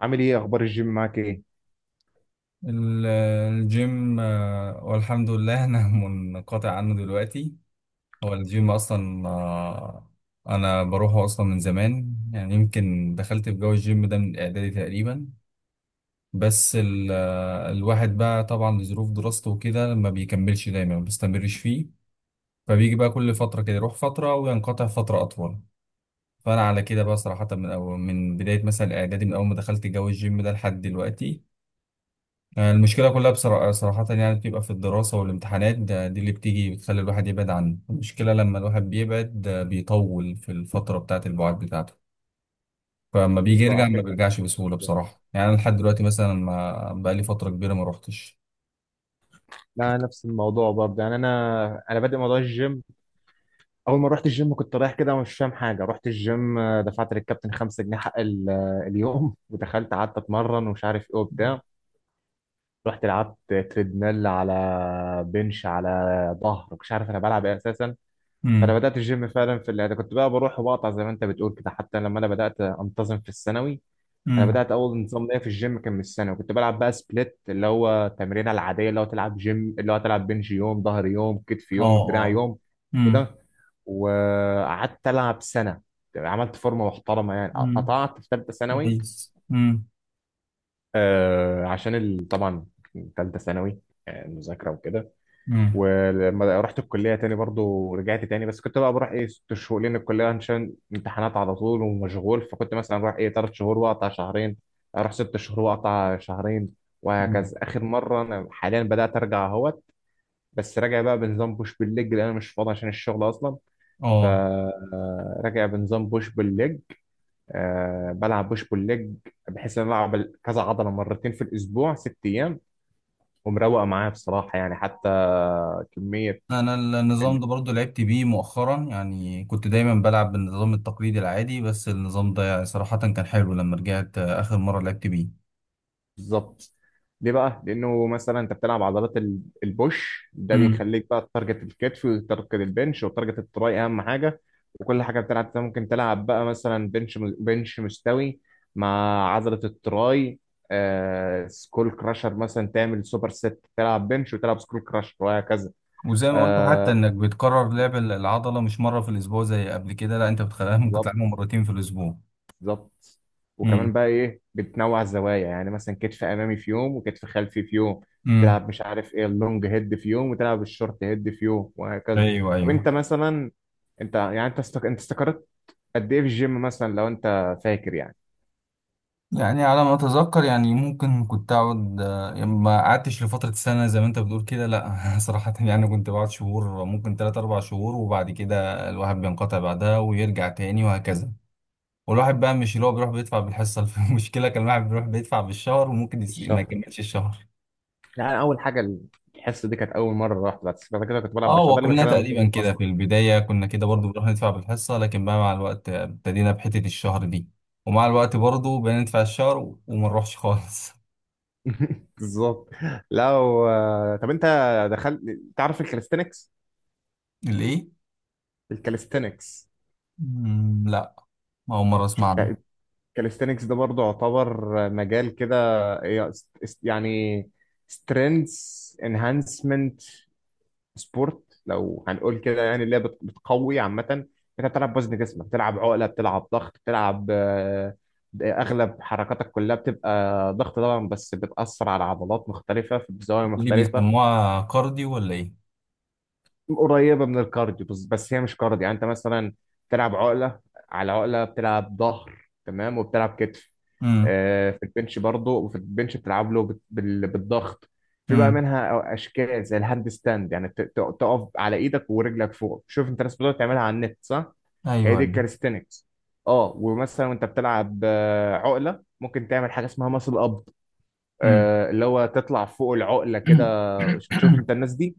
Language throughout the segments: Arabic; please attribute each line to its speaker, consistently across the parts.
Speaker 1: عامل ايه اخبار الجيم معاك ايه؟
Speaker 2: ال- الجيم، والحمد لله أنا منقطع عنه دلوقتي. هو الجيم أصلا. أنا بروحه أصلا من زمان، يعني يمكن دخلت في جو الجيم ده من إعدادي تقريبا. بس الواحد بقى طبعا لظروف دراسته وكده ما بيكملش دايما، ما بيستمرش فيه. فبيجي بقى كل فترة كده، يروح فترة وينقطع فترة أطول. فأنا على كده بقى صراحة من أول، من بداية مثلا إعدادي، من أول ما دخلت جو الجيم ده لحد دلوقتي. المشكلة كلها صراحة، يعني بتبقى في الدراسة والامتحانات. ده دي اللي بتيجي بتخلي الواحد يبعد عنه. المشكلة لما الواحد بيبعد، ده بيطول في الفترة بتاعة البعد بتاعته. فلما بيجي
Speaker 1: بالظبط
Speaker 2: يرجع
Speaker 1: على
Speaker 2: ما
Speaker 1: فكرة.
Speaker 2: بيرجعش بسهولة.
Speaker 1: بالظبط.
Speaker 2: بصراحة يعني أنا لحد دلوقتي مثلا ما بقالي فترة كبيرة ما روحتش.
Speaker 1: لا، نفس الموضوع برضه يعني انا بادئ موضوع الجيم. اول ما رحت الجيم كنت رايح كده ومش فاهم حاجه. رحت الجيم، دفعت للكابتن 5 جنيه حق اليوم ودخلت قعدت اتمرن ومش عارف ايه وبتاع. رحت لعبت تريدميل، على بنش، على ظهر. مش عارف انا بلعب ايه اساسا. فانا
Speaker 2: امم.
Speaker 1: بدات الجيم فعلا، في اللي كنت بقى بروح وبقطع زي ما انت بتقول كده، حتى لما انا بدات انتظم في الثانوي. انا
Speaker 2: امم.
Speaker 1: بدات اول نظام ليا في الجيم كان من سنه، وكنت بلعب بقى سبليت، اللي هو التمرينه العاديه، اللي هو تلعب جيم، اللي هو تلعب بنج يوم، ظهر يوم، كتف
Speaker 2: اه،
Speaker 1: يوم، دراع
Speaker 2: اه.
Speaker 1: يوم كده.
Speaker 2: امم.
Speaker 1: وقعدت العب سنه. عملت فورمه محترمه يعني.
Speaker 2: امم.
Speaker 1: قطعت في ثالثه ثانوي،
Speaker 2: كويس، امم.
Speaker 1: عشان طبعا ثالثه ثانوي، مذاكره وكده.
Speaker 2: امم.
Speaker 1: ولما رحت الكلية تاني برضو رجعت تاني، بس كنت بقى بروح ايه 6 شهور لأن الكلية عشان امتحانات على طول ومشغول. فكنت مثلا بروح ايه 3 شهور وأقطع شهرين. أروح 6 شهور وأقطع شهرين
Speaker 2: مم.
Speaker 1: وهكذا. آخر مرة أنا حاليا بدأت أرجع أهوت. بس راجع بقى بنظام بوش بالليج لأن أنا مش فاضي عشان الشغل أصلا.
Speaker 2: اه.
Speaker 1: فراجع بنظام بوش بالليج، بلعب بوش بالليج، بحيث إن أنا ألعب كذا عضلة مرتين في الأسبوع 6 أيام. ومروقة معايا بصراحة يعني، حتى كمية.
Speaker 2: انا النظام ده برضو لعبت بيه مؤخرا، يعني كنت دايما بلعب بالنظام التقليدي العادي. بس النظام ده يعني صراحة كان حلو لما رجعت، اخر مرة لعبت بيه.
Speaker 1: بالظبط. ليه بقى؟ لأنه مثلا أنت بتلعب عضلات البوش ده
Speaker 2: امم.
Speaker 1: بيخليك بقى تارجت الكتف وتارجت البنش وتارجت التراي أهم حاجة. وكل حاجة بتلعب أنت ممكن تلعب بقى مثلا بنش، بنش مستوي، مع عضلة التراي، سكول كراشر مثلا، تعمل سوبر ست، تلعب بنش وتلعب سكول كراشر وهكذا.
Speaker 2: وزي ما قلت، حتى
Speaker 1: آه
Speaker 2: انك بتكرر لعب العضلة مش مرة في الاسبوع زي قبل كده، لا انت بتخليها ممكن
Speaker 1: بالظبط.
Speaker 2: تلعبها مرتين في الاسبوع.
Speaker 1: بالظبط. وكمان
Speaker 2: امم.
Speaker 1: بقى ايه، بتنوع الزوايا يعني، مثلا كتف امامي في يوم وكتف خلفي في يوم.
Speaker 2: امم.
Speaker 1: تلعب مش عارف ايه اللونج هيد في يوم وتلعب الشورت هيد في يوم وهكذا.
Speaker 2: ايوه،
Speaker 1: طب
Speaker 2: ايوه.
Speaker 1: انت مثلا، انت يعني، انت استقرت قد ايه في الجيم، مثلا لو انت فاكر يعني؟
Speaker 2: يعني على ما اتذكر، يعني ممكن كنت اقعد، يعني ما قعدتش لفتره سنه زي ما انت بتقول كده، لا صراحه يعني كنت بقعد شهور، ممكن 3 4 شهور، وبعد كده الواحد بينقطع بعدها ويرجع تاني وهكذا. والواحد بقى مش اللي هو بيروح بيدفع بالحصه المشكله كان الواحد بيروح بيدفع بالشهر، وممكن
Speaker 1: في
Speaker 2: ما
Speaker 1: الشهر
Speaker 2: يكملش الشهر.
Speaker 1: يعني، اول حاجه الحصه دي كانت اول مره رحت. بعد كده كنت بلعب
Speaker 2: اه،
Speaker 1: بشع، ده اللي
Speaker 2: وكلنا
Speaker 1: بيخليني
Speaker 2: تقريبا
Speaker 1: انتظم
Speaker 2: كده
Speaker 1: اصلا.
Speaker 2: في البدايه كنا كده برضو،
Speaker 1: بالظبط.
Speaker 2: بنروح ندفع بالحصه، لكن بقى مع الوقت ابتدينا بحته الشهر دي. ومع الوقت برضو بقينا ندفع الشهر وما نروحش خالص
Speaker 1: بالظبط. لو طب انت دخلت، تعرف الكاليستنكس؟
Speaker 2: ليه؟
Speaker 1: الكاليستنكس.
Speaker 2: مم، لا. أول مرة أسمع عنها.
Speaker 1: شفت كاليستينكس ده برضه يعتبر مجال كده. إيه، يعني سترينث انهانسمنت سبورت لو هنقول كده يعني، اللي هي بتقوي عامة انت. بتلعب وزن جسمك، بتلعب عقلة، بتلعب ضغط، بتلعب اغلب حركاتك كلها بتبقى ضغط طبعا، بس بتأثر على عضلات مختلفة في زوايا
Speaker 2: دي اللي
Speaker 1: مختلفة.
Speaker 2: بيسموها كارديو ولا إيه؟
Speaker 1: قريبه من الكارديو، بس هي مش كارديو. يعني انت مثلا بتلعب عقله، على عقله بتلعب ظهر، تمام، وبتلعب كتف.
Speaker 2: امم.
Speaker 1: في البنش برضه، وفي البنش بتلعب له بالضغط. في بقى
Speaker 2: امم.
Speaker 1: منها اشكال زي الهاند ستاند، يعني تقف على ايدك ورجلك فوق. شوف انت، ناس بتقعد تعملها على النت، صح؟ هي
Speaker 2: أيوه،
Speaker 1: دي
Speaker 2: أيوه.
Speaker 1: الكاليستينكس. اه ومثلا وانت بتلعب عقله ممكن تعمل حاجه اسمها ماسل اب.
Speaker 2: امم.
Speaker 1: اللي هو تطلع فوق العقله كده. شوف انت الناس دي.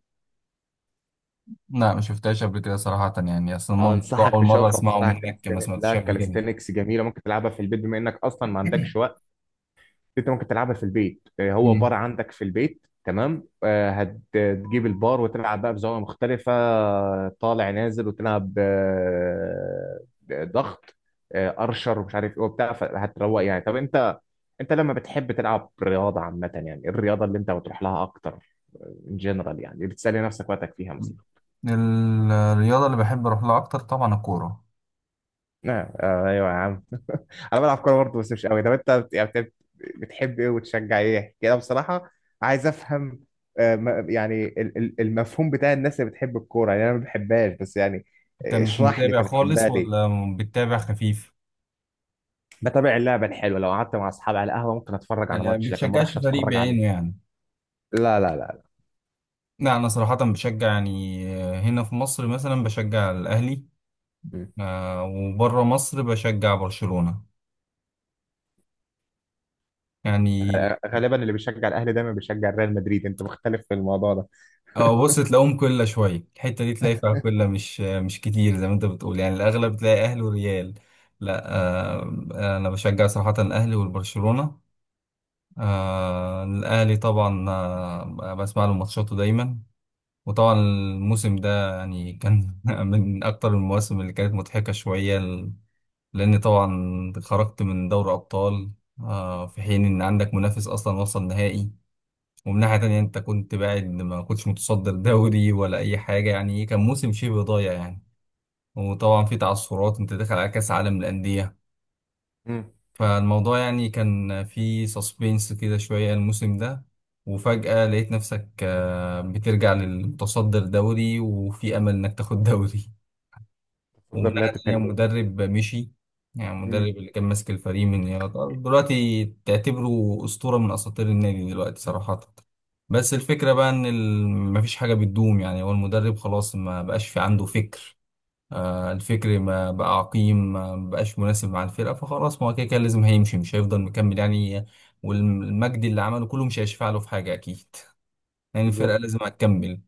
Speaker 2: لا، ما شفتهاش قبل كده صراحة، يعني أصلا
Speaker 1: اه
Speaker 2: الموضوع
Speaker 1: انصحك
Speaker 2: أول مرة
Speaker 1: تشوفها
Speaker 2: أسمعه
Speaker 1: بصراحه.
Speaker 2: منك، ما
Speaker 1: كاليستينكس، لا
Speaker 2: سمعتش قبل كده.
Speaker 1: كاليستينكس جميله، ممكن تلعبها في البيت بما انك اصلا ما عندكش وقت. انت ممكن تلعبها في البيت. هو
Speaker 2: امم.
Speaker 1: بار عندك في البيت؟ تمام. هتجيب البار وتلعب بقى بزاويه مختلفه. طالع نازل. وتلعب ضغط، ارشر ومش عارف ايه وبتاع. فهتروق يعني. طب انت لما بتحب تلعب رياضه عامه، يعني إيه الرياضه اللي انت بتروح لها اكتر، ان جنرال يعني، بتسالي نفسك وقتك فيها مثلا؟
Speaker 2: الرياضة اللي بحب أروح لها أكتر طبعا الكورة.
Speaker 1: ايوه يا عم. انا بلعب كوره برضه بس مش قوي. طب انت يعني بتحب ايه وتشجع ايه يعني كده؟ بصراحه عايز افهم. يعني المفهوم بتاع الناس اللي بتحب الكوره يعني، انا ما بحبهاش بس يعني.
Speaker 2: أنت مش
Speaker 1: اشرح لي
Speaker 2: متابع
Speaker 1: انت بتحبها
Speaker 2: خالص
Speaker 1: ليه.
Speaker 2: ولا بتتابع خفيف؟
Speaker 1: بتابع اللعبه الحلوه، لو قعدت مع اصحابي على القهوه ممكن اتفرج
Speaker 2: يعني
Speaker 1: على
Speaker 2: ما
Speaker 1: ماتش، لكن ما
Speaker 2: بتشجعش
Speaker 1: اروحش
Speaker 2: فريق
Speaker 1: اتفرج عليه.
Speaker 2: بعينه يعني.
Speaker 1: لا، لا، لا.
Speaker 2: لا، أنا صراحة بشجع يعني، هنا في مصر مثلا بشجع الأهلي.
Speaker 1: مم.
Speaker 2: وبره مصر بشجع برشلونة يعني.
Speaker 1: غالبا اللي بيشجع الاهلي دايما بيشجع ريال مدريد، انت مختلف في الموضوع ده.
Speaker 2: اه بص، تلاقيهم كله شوية الحتة دي تلاقي فيها كله، مش مش كتير زي ما انت بتقول، يعني الأغلب تلاقي أهلي وريال. لا. أنا بشجع صراحة الأهلي والبرشلونة. الأهلي طبعا، بسمع له ماتشاته دايما. وطبعا الموسم ده يعني كان من أكتر المواسم اللي كانت مضحكة شوية، لأني طبعا خرجت من دوري أبطال،
Speaker 1: مم.
Speaker 2: في حين إن عندك منافس أصلا وصل نهائي. ومن ناحية تانية، انت كنت بعد ما كنتش متصدر دوري ولا اي حاجة، يعني كان موسم شبه ضايع يعني. وطبعا في تعثرات، انت داخل على كأس عالم للأندية.
Speaker 1: مم.
Speaker 2: فالموضوع يعني كان في سسبينس كده شوية الموسم ده. وفجأة لقيت نفسك بترجع للمتصدر دوري، وفي أمل انك تاخد دوري. ومن
Speaker 1: تفضل، لا
Speaker 2: ناحية تانية
Speaker 1: تكلم.
Speaker 2: مدرب مشي. يعني
Speaker 1: مم.
Speaker 2: المدرب اللي كان ماسك الفريق من، يعني يعتبر دلوقتي تعتبره أسطورة من أساطير النادي دلوقتي صراحة. بس الفكرة بقى إن مفيش حاجة بتدوم، يعني هو المدرب خلاص ما بقاش في عنده فكر. الفكر ما بقى، عقيم، ما بقاش مناسب مع الفرقة، فخلاص، ما هو كده كده لازم هيمشي، مش هيفضل مكمل يعني. والمجد اللي عمله كله مش هيشفع له في حاجة أكيد، يعني الفرقة
Speaker 1: بالظبط.
Speaker 2: لازم هتكمل.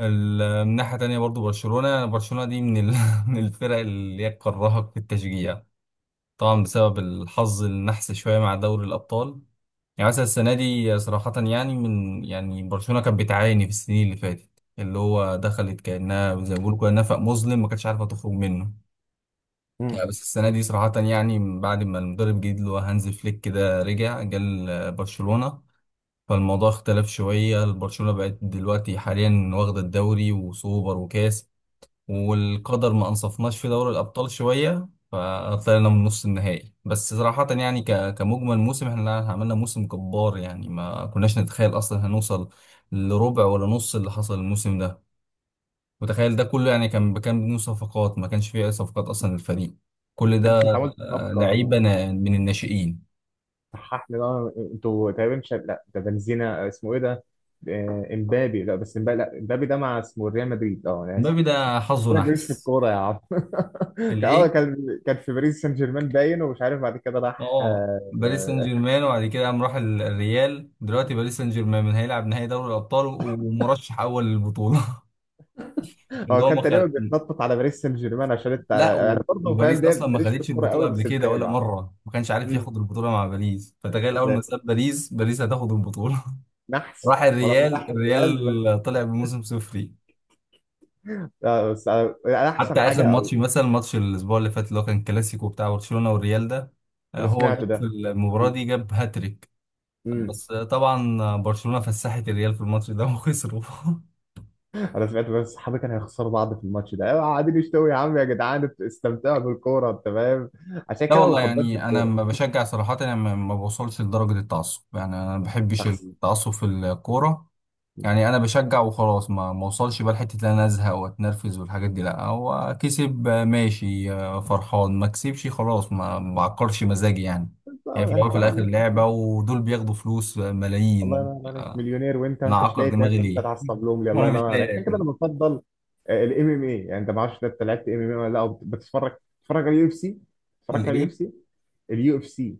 Speaker 2: من ناحية تانية برضو برشلونة، برشلونة دي من من الفرق اللي هي تكرهك في التشجيع. طبعا بسبب الحظ النحس شوية مع دوري الأبطال. يعني مثلا السنة دي صراحة، يعني من، يعني برشلونة كانت بتعاني في السنين اللي فاتت، اللي هو دخلت كأنها زي ما بيقولوا كده نفق مظلم ما كانتش عارفة تخرج منه يعني.
Speaker 1: مم.
Speaker 2: بس السنة دي صراحة، يعني من بعد ما المدرب الجديد اللي هو هانز فليك كده رجع جال برشلونة، فالموضوع اختلف شوية. برشلونة بقت دلوقتي حاليا واخدة الدوري وسوبر وكاس. والقدر ما انصفناش في دوري الابطال شويه، فطلعنا من نص النهائي. بس صراحه يعني كمجمل موسم احنا عملنا موسم جبار، يعني ما كناش نتخيل اصلا هنوصل لربع ولا نص اللي حصل الموسم ده. متخيل ده كله؟ يعني كان بدون صفقات، ما كانش فيه اي صفقات اصلا للفريق، كل
Speaker 1: لا
Speaker 2: ده
Speaker 1: بس انت عملت
Speaker 2: لعيبه
Speaker 1: صفقه.
Speaker 2: من الناشئين.
Speaker 1: صحح لي بقى، انتوا تقريبا مش، لا ده بنزيما، اسمه ايه ده؟ امبابي. لا بس امبابي، لا امبابي ده مع، اسمه ريال مدريد، اه انا اسف.
Speaker 2: مبابي ده حظه
Speaker 1: ما تجيبش في
Speaker 2: نحس.
Speaker 1: الكوره يا عم. كان اه
Speaker 2: الايه؟
Speaker 1: كان كان في باريس سان جيرمان، باين. ومش عارف بعد كده راح
Speaker 2: اه، باريس سان جيرمان، وبعد كده قام راح الريال. دلوقتي باريس سان جيرمان هيلعب نهائي دوري الابطال، ومرشح اول للبطوله، اللي
Speaker 1: هو
Speaker 2: هو ما
Speaker 1: كان تقريبا
Speaker 2: خد...
Speaker 1: بيتنطط على باريس سان جيرمان، عشان انت،
Speaker 2: لا،
Speaker 1: انا
Speaker 2: و-
Speaker 1: برضه فاهم
Speaker 2: وباريس
Speaker 1: ده،
Speaker 2: اصلا ما
Speaker 1: ماليش في
Speaker 2: خدتش
Speaker 1: الكوره
Speaker 2: البطوله
Speaker 1: قوي
Speaker 2: قبل
Speaker 1: بس
Speaker 2: كده ولا
Speaker 1: متابع.
Speaker 2: مره، ما كانش عارف
Speaker 1: امم.
Speaker 2: ياخد البطوله مع باريس، فتخيل اول ما
Speaker 1: بالذات.
Speaker 2: ساب باريس، باريس هتاخد البطوله
Speaker 1: نحس
Speaker 2: راح
Speaker 1: ولما
Speaker 2: الريال،
Speaker 1: راح الريال بس.
Speaker 2: الريال طلع بموسم صفري.
Speaker 1: بس احسن
Speaker 2: حتى
Speaker 1: حاجه
Speaker 2: اخر
Speaker 1: او.
Speaker 2: ماتش مثلا، ماتش الاسبوع اللي فات اللي هو كان كلاسيكو بتاع برشلونه والريال ده،
Speaker 1: انا
Speaker 2: هو جاب
Speaker 1: سمعته
Speaker 2: في
Speaker 1: ده.
Speaker 2: المباراه دي جاب هاتريك.
Speaker 1: امم.
Speaker 2: بس طبعا برشلونه فسحت الريال في الماتش ده وخسروا
Speaker 1: انا سمعت، بس صحابي كانوا هيخسروا بعض في الماتش ده، أيوة، قاعدين يشتوا. يا عم يا جدعان استمتعوا بالكوره، انت فاهم؟ عشان
Speaker 2: لا
Speaker 1: كده ما
Speaker 2: والله،
Speaker 1: بفضلش
Speaker 2: يعني انا
Speaker 1: الكوره.
Speaker 2: ما بشجع صراحه، انا ما بوصلش لدرجه التعصب، يعني انا ما بحبش
Speaker 1: احسن.
Speaker 2: التعصب في الكوره. يعني انا بشجع وخلاص، ما اوصلش بقى لحته ان انا ازهق واتنرفز والحاجات دي. لا، هو كسب، ماشي، فرحان، ما كسبش، خلاص، ما بعكرش مزاجي يعني.
Speaker 1: أنت
Speaker 2: هي في الاول وفي
Speaker 1: هتزعل
Speaker 2: الاخر
Speaker 1: نفسك.
Speaker 2: لعبه، ودول بياخدوا فلوس
Speaker 1: الله
Speaker 2: ملايين.
Speaker 1: ينور عليك، مليونير وانت ما
Speaker 2: انا
Speaker 1: انتش
Speaker 2: اعكر
Speaker 1: لاقي
Speaker 2: دماغي
Speaker 1: تاكل، انت
Speaker 2: ليه
Speaker 1: تعصب لهم لي الله
Speaker 2: وانا مش
Speaker 1: ينور عليك.
Speaker 2: لاقي
Speaker 1: عشان كده انا
Speaker 2: اكل.
Speaker 1: بفضل الـMMA يعني. انت ما اعرفش انت لعبت MMA ولا لا، أو بتتفرج على الـUFC؟ اتفرجت على اليو
Speaker 2: الايه؟
Speaker 1: اف سي اليو اف سي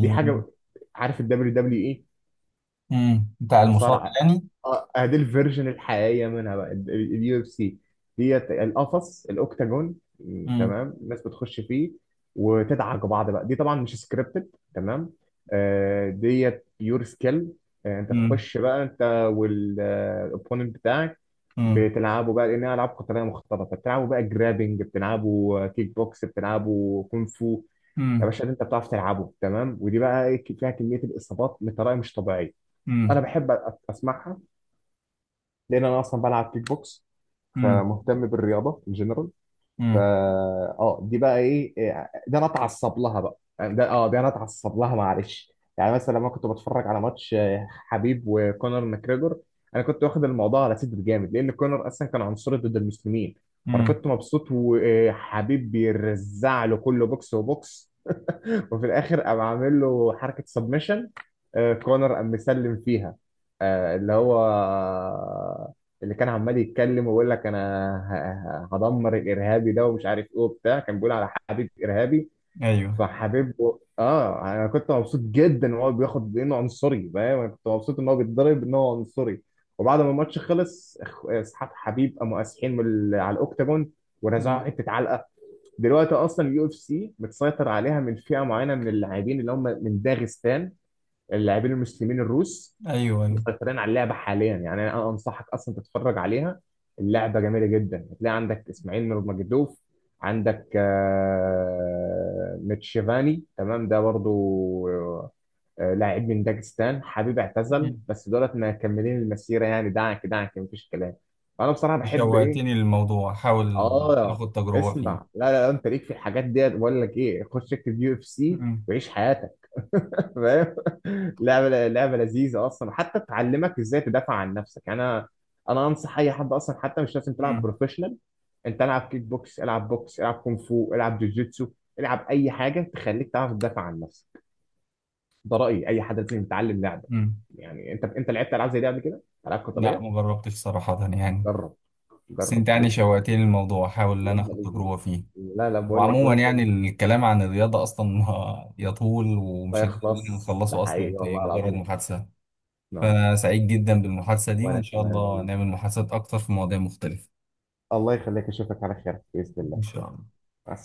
Speaker 1: دي حاجه. عارف الـWWE،
Speaker 2: امم، بتاع المصاب
Speaker 1: مصارعه؟
Speaker 2: يعني.
Speaker 1: دي الفيرجن الحقيقيه منها بقى، الـUFC ديت، القفص الاوكتاجون،
Speaker 2: امم.
Speaker 1: تمام. الناس بتخش فيه، وتدعك بعض بقى. دي طبعا مش سكريبتد، تمام. ديت بيور سكيل. انت
Speaker 2: امم.
Speaker 1: تخش بقى، انت والاوبوننت بتاعك،
Speaker 2: امم.
Speaker 1: بتلعبوا بقى لانها العاب قتاليه مختلطه. بتلعبوا بقى جرابنج، بتلعبوا كيك بوكس، بتلعبوا كونغ فو يا باشا، اللي انت بتعرف تلعبه. تمام. ودي بقى إيه، فيها كميه الاصابات بطريقه مش طبيعيه. انا
Speaker 2: امم.
Speaker 1: بحب اسمعها، لان انا اصلا بلعب كيك بوكس،
Speaker 2: امم.
Speaker 1: فمهتم بالرياضه ان جنرال. فا
Speaker 2: امم.
Speaker 1: اه دي بقى ايه. إيه، ده انا اتعصب لها بقى يعني، ده انا اتعصب لها معلش يعني. مثلا لما كنت بتفرج على ماتش حبيب وكونر ماكريجور. انا كنت واخد الموضوع على سد جامد، لان كونر اصلا كان عنصري ضد المسلمين. فانا
Speaker 2: امم.
Speaker 1: كنت مبسوط، وحبيب بيرزع له، كله بوكس وبوكس. وفي الاخر قام عامل له حركه سبمشن، كونر قام مسلم فيها. آه، اللي هو اللي كان عمال يتكلم ويقول لك، انا هدمر الارهابي ده ومش عارف ايه وبتاع، كان بيقول على حبيب ارهابي.
Speaker 2: ايوه.
Speaker 1: فحبيبه. اه انا كنت مبسوط جدا ان هو بياخد انه عنصري، فاهم؟ انا كنت مبسوط ان هو بيتضرب، ان هو عنصري. وبعد ما الماتش خلص، اصحاب حبيب قاموا قاسحين على الاوكتاجون،
Speaker 2: مم.
Speaker 1: ورزعوا حته علقه. دلوقتي اصلا الـUFC متسيطر عليها من فئه معينه من اللاعبين، اللي هم من داغستان، اللاعبين المسلمين الروس.
Speaker 2: ايوه،
Speaker 1: مسيطرين على اللعبه حاليا يعني. انا انصحك اصلا تتفرج عليها. اللعبه جميله جدا، هتلاقي عندك اسماعيل نور مجدوف. عندك ميتشيفاني، تمام ده برضو، لاعب من داغستان. حبيب اعتزل
Speaker 2: ايوه.
Speaker 1: بس دولت مكملين المسيره يعني، دعك دعك مفيش كلام. فانا بصراحه بحب ايه.
Speaker 2: شوقتني للموضوع، حاول
Speaker 1: اه
Speaker 2: اخد تجربة فيه.
Speaker 1: اسمع. لا، لا، لا، انت ليك في الحاجات ديت. بقول لك ايه، خش اكتب UFC
Speaker 2: مم.
Speaker 1: وعيش حياتك. فاهم؟ لعبه، لعبه لذيذه اصلا، حتى تعلمك ازاي تدافع عن نفسك يعني. انا انصح اي حد اصلا، حتى مش لازم تلعب
Speaker 2: مم.
Speaker 1: بروفيشنال. انت العب كيك بوكس، العب بوكس، العب كونغ فو، العب جوجيتسو، العب اي حاجه تخليك تعرف تدافع عن نفسك. ده رايي، اي حد لازم يتعلم لعبه.
Speaker 2: مم.
Speaker 1: يعني انت لعبت العاب زي دي قبل كده، العاب
Speaker 2: لا، ما
Speaker 1: قتاليه؟
Speaker 2: جربتش صراحة يعني.
Speaker 1: جرب.
Speaker 2: بس
Speaker 1: جرب
Speaker 2: انت يعني
Speaker 1: ليه؟
Speaker 2: شوقتني للموضوع، حاول ان انا
Speaker 1: لما
Speaker 2: اخد
Speaker 1: لذيذ.
Speaker 2: تجربة فيه.
Speaker 1: لا، لا، بقول لك
Speaker 2: وعموما
Speaker 1: يومك.
Speaker 2: يعني الكلام عن الرياضة اصلا يطول،
Speaker 1: لا
Speaker 2: ومش هنقدر
Speaker 1: يخلص ده،
Speaker 2: نخلصه
Speaker 1: حقيقي
Speaker 2: اصلا في
Speaker 1: والله
Speaker 2: مجرد
Speaker 1: العظيم.
Speaker 2: محادثة.
Speaker 1: نعم.
Speaker 2: فانا سعيد جدا بالمحادثة دي،
Speaker 1: وانا
Speaker 2: وان شاء
Speaker 1: كمان
Speaker 2: الله
Speaker 1: والله.
Speaker 2: نعمل محادثات اكتر في مواضيع مختلفة.
Speaker 1: الله يخليك، اشوفك على خير باذن
Speaker 2: ان
Speaker 1: الله.
Speaker 2: شاء الله.
Speaker 1: مع السلامه.